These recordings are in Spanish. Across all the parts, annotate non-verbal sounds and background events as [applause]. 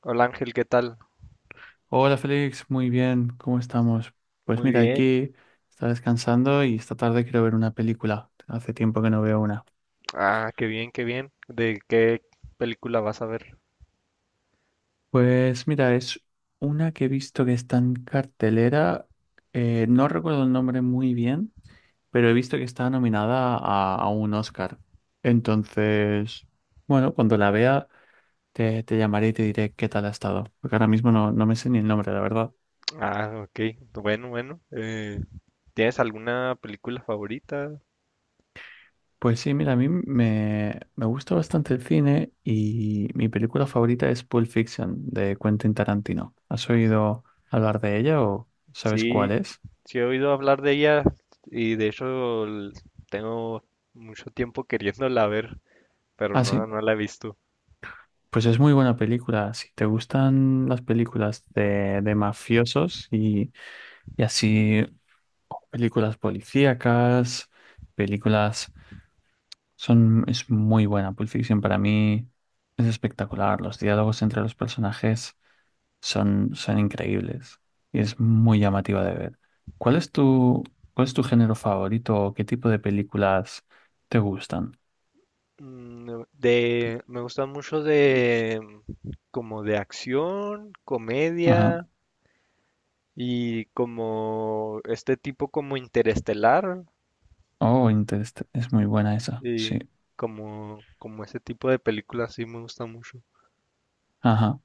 Hola Ángel, ¿qué tal? Hola Félix, muy bien, ¿cómo estamos? Pues Muy mira, bien. aquí está descansando y esta tarde quiero ver una película. Hace tiempo que no veo una. Ah, qué bien, qué bien. ¿De qué película vas a ver? Pues mira, es una que he visto que está en cartelera. No recuerdo el nombre muy bien, pero he visto que está nominada a un Oscar. Entonces, bueno, cuando la vea te llamaré y te diré qué tal ha estado, porque ahora mismo no me sé ni el nombre, la verdad. Ah, ok. Bueno, bueno. ¿Tienes alguna película favorita? Pues sí, mira, a mí me gusta bastante el cine y mi película favorita es Pulp Fiction de Quentin Tarantino. ¿Has oído hablar de ella o sabes cuál Sí, es? sí he oído hablar de ella y de hecho tengo mucho tiempo queriéndola ver, pero Ah, sí, no la he visto. pues es muy buena película. Si te gustan las películas de mafiosos y así películas policíacas, películas son, es muy buena. Pulp Fiction para mí es espectacular. Los diálogos entre los personajes. Son, son increíbles y es muy llamativa de ver. ¿Cuál es tu, cuál es tu género favorito o qué tipo de películas te gustan? Me gusta mucho de como de acción, Ajá. comedia y como este tipo como interestelar. Oh, Interestelar. Es muy buena esa. Sí, Sí. Como ese tipo de películas sí me gusta mucho. Ajá.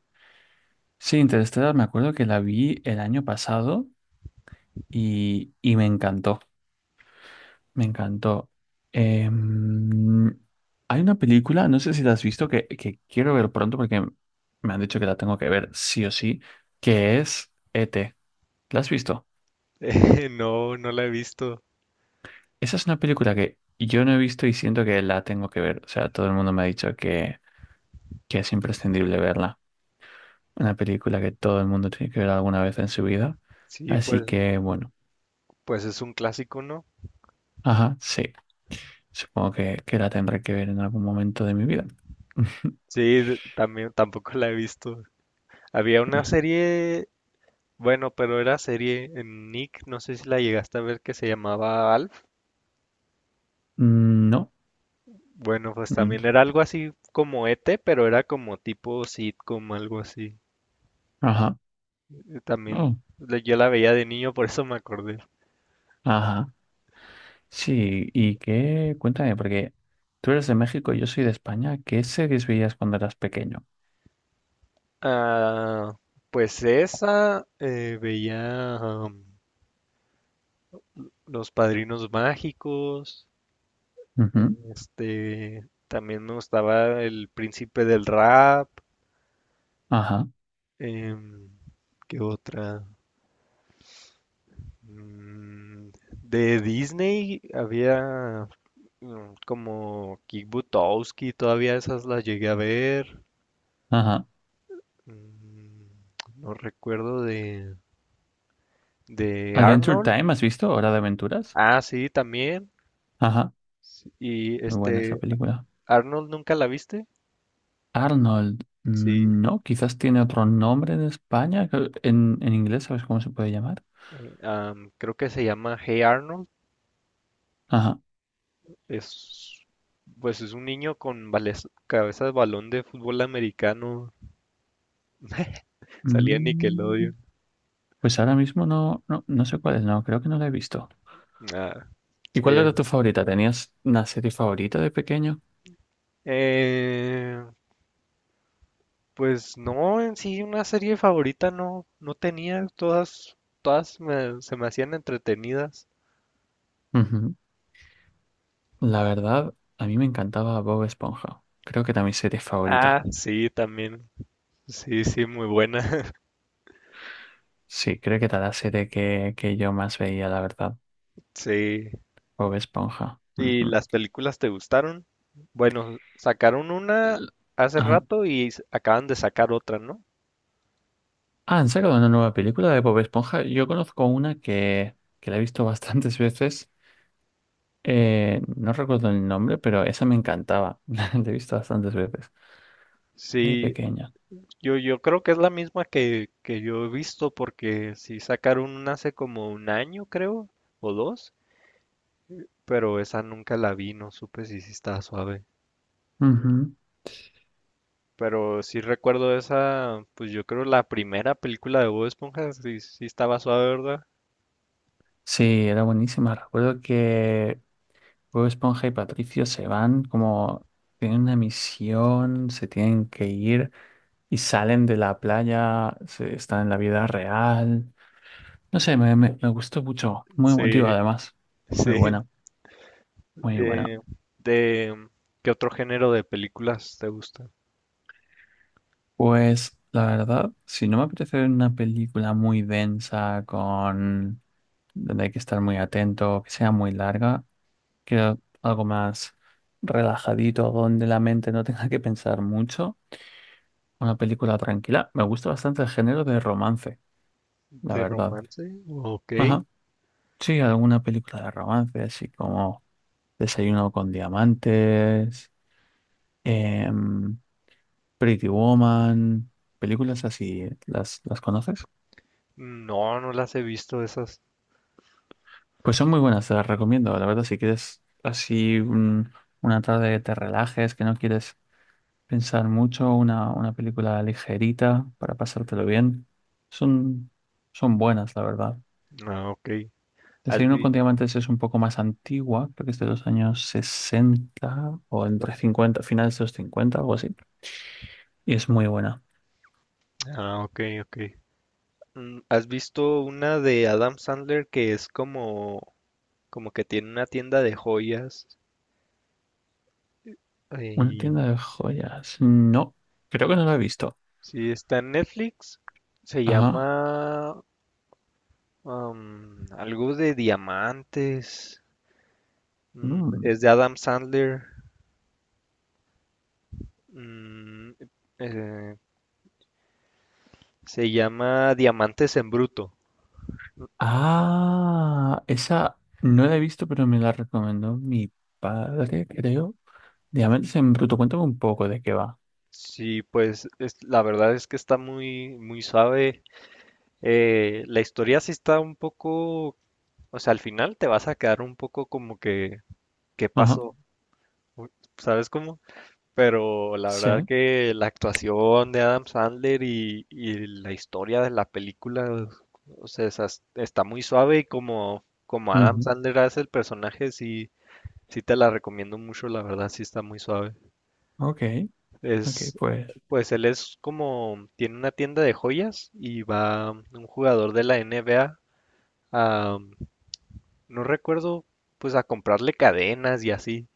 Sí, Interestelar, me acuerdo que la vi el año pasado y me encantó. Me encantó. Em, Hay una película, no sé si la has visto, que quiero ver pronto porque me han dicho que la tengo que ver sí o sí, que es E.T. ¿La has visto? [laughs] No la he visto. Esa es una película que yo no he visto y siento que la tengo que ver. O sea, todo el mundo me ha dicho que es imprescindible verla. Una película que todo el mundo tiene que ver alguna vez en su vida. Sí, Así que, bueno, pues es un clásico, ¿no? ajá, sí. Supongo que la tendré que ver en algún momento de mi vida. Sí, también tampoco la he visto. Había una [laughs] serie, bueno, pero era serie en Nick, no sé si la llegaste a ver que se llamaba Alf. No. Bueno, pues Mm, también era algo así como ET, pero era como tipo sitcom, algo así. ajá. También Oh, yo la veía de niño, por eso me acordé. ajá. Sí, ¿y qué? Cuéntame, porque tú eres de México y yo soy de España. ¿Qué series veías cuando eras pequeño? Ah, pues esa veía. Los Padrinos Mágicos, Ujú, este, también me gustaba El Príncipe del Rap, ajá. em, ¿qué otra? Mm, de Disney había como Kick Buttowski, todavía esas las llegué a ver. Ajá. Mm, No recuerdo de Adventure Arnold. Time, ¿has visto? Hora de Aventuras. Ah, sí, también. Ajá, Y muy buena esa este, película. Arnold, ¿nunca la viste? Arnold, Sí. No, quizás tiene otro nombre en España. Que- en inglés, ¿sabes cómo se puede llamar? Creo que se llama Hey Arnold. Ajá. Es, pues es un niño con cabeza de balón de fútbol americano. [laughs] Salía en mm, Nickelodeon. pues ahora mismo no, no sé cuál es, no, creo que no la he visto. Ah, ¿Y sí, cuál era tu favorita? ¿Tenías una serie favorita de pequeño? Eh, pues no, en sí una serie favorita no, no tenía. Todas se me hacían entretenidas. Ujú. La verdad, a mí me encantaba Bob Esponja. Creo que era mi serie favorita. Ah, sí, también. Sí, sí, muy buena. [laughs] Sí, creo que era la serie que yo más veía, la verdad. Sí. Bob Esponja. ¿Y Ujú. las películas te gustaron? Bueno, sacaron una L-, hace ajá. rato y acaban de sacar otra, ¿no? Ah, han sacado una nueva película de Bob Esponja. Yo conozco una que la he visto [laughs] bastantes veces. No recuerdo el nombre, pero esa me encantaba. [laughs] La he visto bastantes veces de Sí, pequeña. Yo creo que es la misma que yo he visto porque sí sacaron una hace como un año, creo, o dos, pero esa nunca la vi, no supe si sí estaba suave. Ujú. Pero sí recuerdo esa, pues yo creo la primera película de Bob Esponja sí, sí estaba suave, ¿verdad? Sí, era buenísima. Recuerdo que Bob Esponja y Patricio se van como tienen una misión, se tienen que ir y salen de la playa, se- están en la vida real. No sé, me, me gustó mucho. Muy emotiva Sí, además. [laughs] Muy sí. buena, muy buena. De, de- ¿Qué otro género de películas te gusta? Pues la verdad, si no me apetece ver una película muy densa, con donde hay que estar muy atento, que sea muy larga, quiero algo más relajadito, donde la mente no tenga que pensar mucho, una película tranquila. Me gusta bastante el género de romance, la ¿De verdad. romance? Ok. Ajá. Sí, alguna película de romance, así como Desayuno con Diamantes, em, Pretty Woman, películas así, las conoces? No, no las he visto esas. Pues son muy buenas, te las recomiendo. La verdad, si quieres así un- una tarde que te relajes, que no quieres pensar mucho, una película ligerita para pasártelo bien, son, son buenas, la verdad. Ah, ok. ¿Has Desayuno con vi- Diamantes es un poco más antigua, creo que es de los años 60 o entre 50 finales de los 50 algo así. Y es muy buena. Ah, ok, ok. ¿Has visto una de Adam Sandler que es como que tiene una tienda de joyas? Una Y tienda de joyas. No, creo que no la he visto. sí, está en Netflix. Se Ajá. llama algo de diamantes. Mm, Mm. es de Adam Sandler. Mm, eh, se llama Diamantes en Bruto. Ah, esa no la he visto, pero me la recomendó mi padre, creo. Diamantes en bruto, cuéntame un poco de qué va. Sí, pues la verdad es que está muy, muy suave. La historia sí está un poco. O sea, al final te vas a quedar un poco como ¿qué Ajá, pasó? Uy, ¿sabes cómo? Pero la verdad sí. que la actuación de Adam Sandler y la historia de la película, o sea, está muy suave y como Adam Ujú, Sandler hace el personaje, sí, sí te la recomiendo mucho, la verdad, sí está muy suave. ok, ok, Es, pues. pues él es como, tiene una tienda de joyas y va un jugador de la NBA a, a, no recuerdo, pues a comprarle cadenas y así.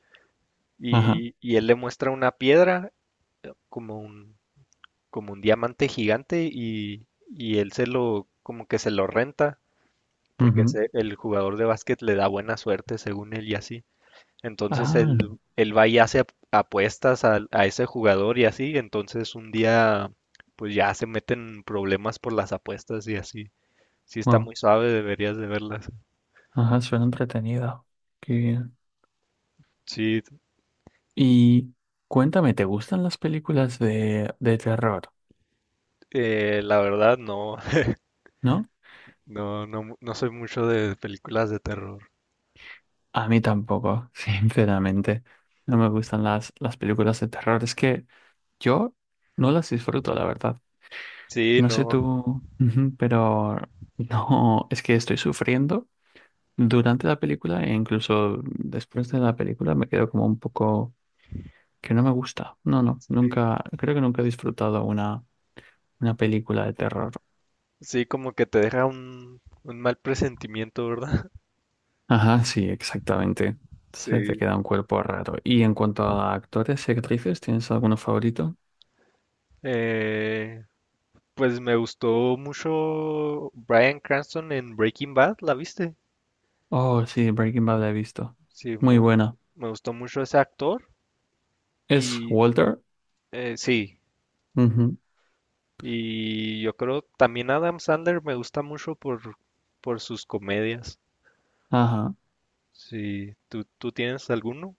Ajá, Y él le muestra una piedra como un, como un diamante gigante y él se lo, como que se lo renta, porque ujú. El jugador de básquet le da buena suerte según él y así. Entonces Ah, él va y hace apuestas ese jugador y así. Entonces un día, pues ya se meten en problemas por las apuestas y así. Sí está wow. muy suave, deberías de verlas. Ajá, suena entretenido. Qué bien. Sí, Y cuéntame, ¿te gustan las películas de terror? La verdad no, [laughs] ¿No? no, no soy mucho de películas de terror. A mí tampoco, [laughs] sinceramente. No me gustan las películas de terror. Es que yo no las disfruto, la verdad. Sí, No sé no. tú, ujú, pero no, es que estoy sufriendo durante la película e incluso después de la película me quedo como un poco que no me gusta. No, no, Sí, nunca, creo que nunca he disfrutado una película de terror. sí, como que te deja un mal presentimiento, ¿verdad? [laughs] Ajá, sí, exactamente. Se te Sí. queda un cuerpo raro. Y en cuanto a actores y actrices, ¿tienes alguno favorito? Eh, pues me gustó mucho Bryan Cranston en Breaking Bad, ¿la viste? Oh, sí, Breaking Bad la he visto. Sí, Muy buena. me gustó mucho ese actor Es y Walter. Sí, Ujú, y yo creo también Adam Sandler me gusta mucho por sus comedias. ajá. Sí, ¿tú tienes alguno?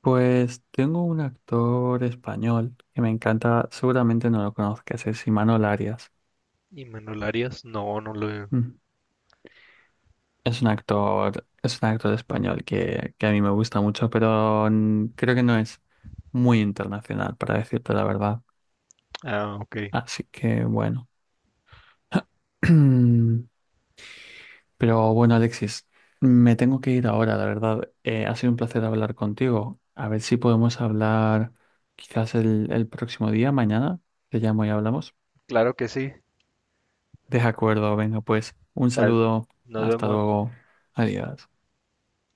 Pues tengo un actor español que me encanta, seguramente no lo conozcas, es Imanol Arias. ¿Y me lo harías? No, no lo... veo. Mm. Es un actor español que a mí me gusta mucho, pero creo que no es muy internacional, para decirte la verdad. Ah, ok. Así que bueno. [clears throat] Pero bueno, Alexis, me tengo que ir ahora, la verdad. Ha sido un placer hablar contigo. A ver si podemos hablar quizás el próximo día, mañana. Te llamo y hablamos. Claro que sí. De acuerdo, venga pues, un O saludo, nos hasta vemos. luego, adiós.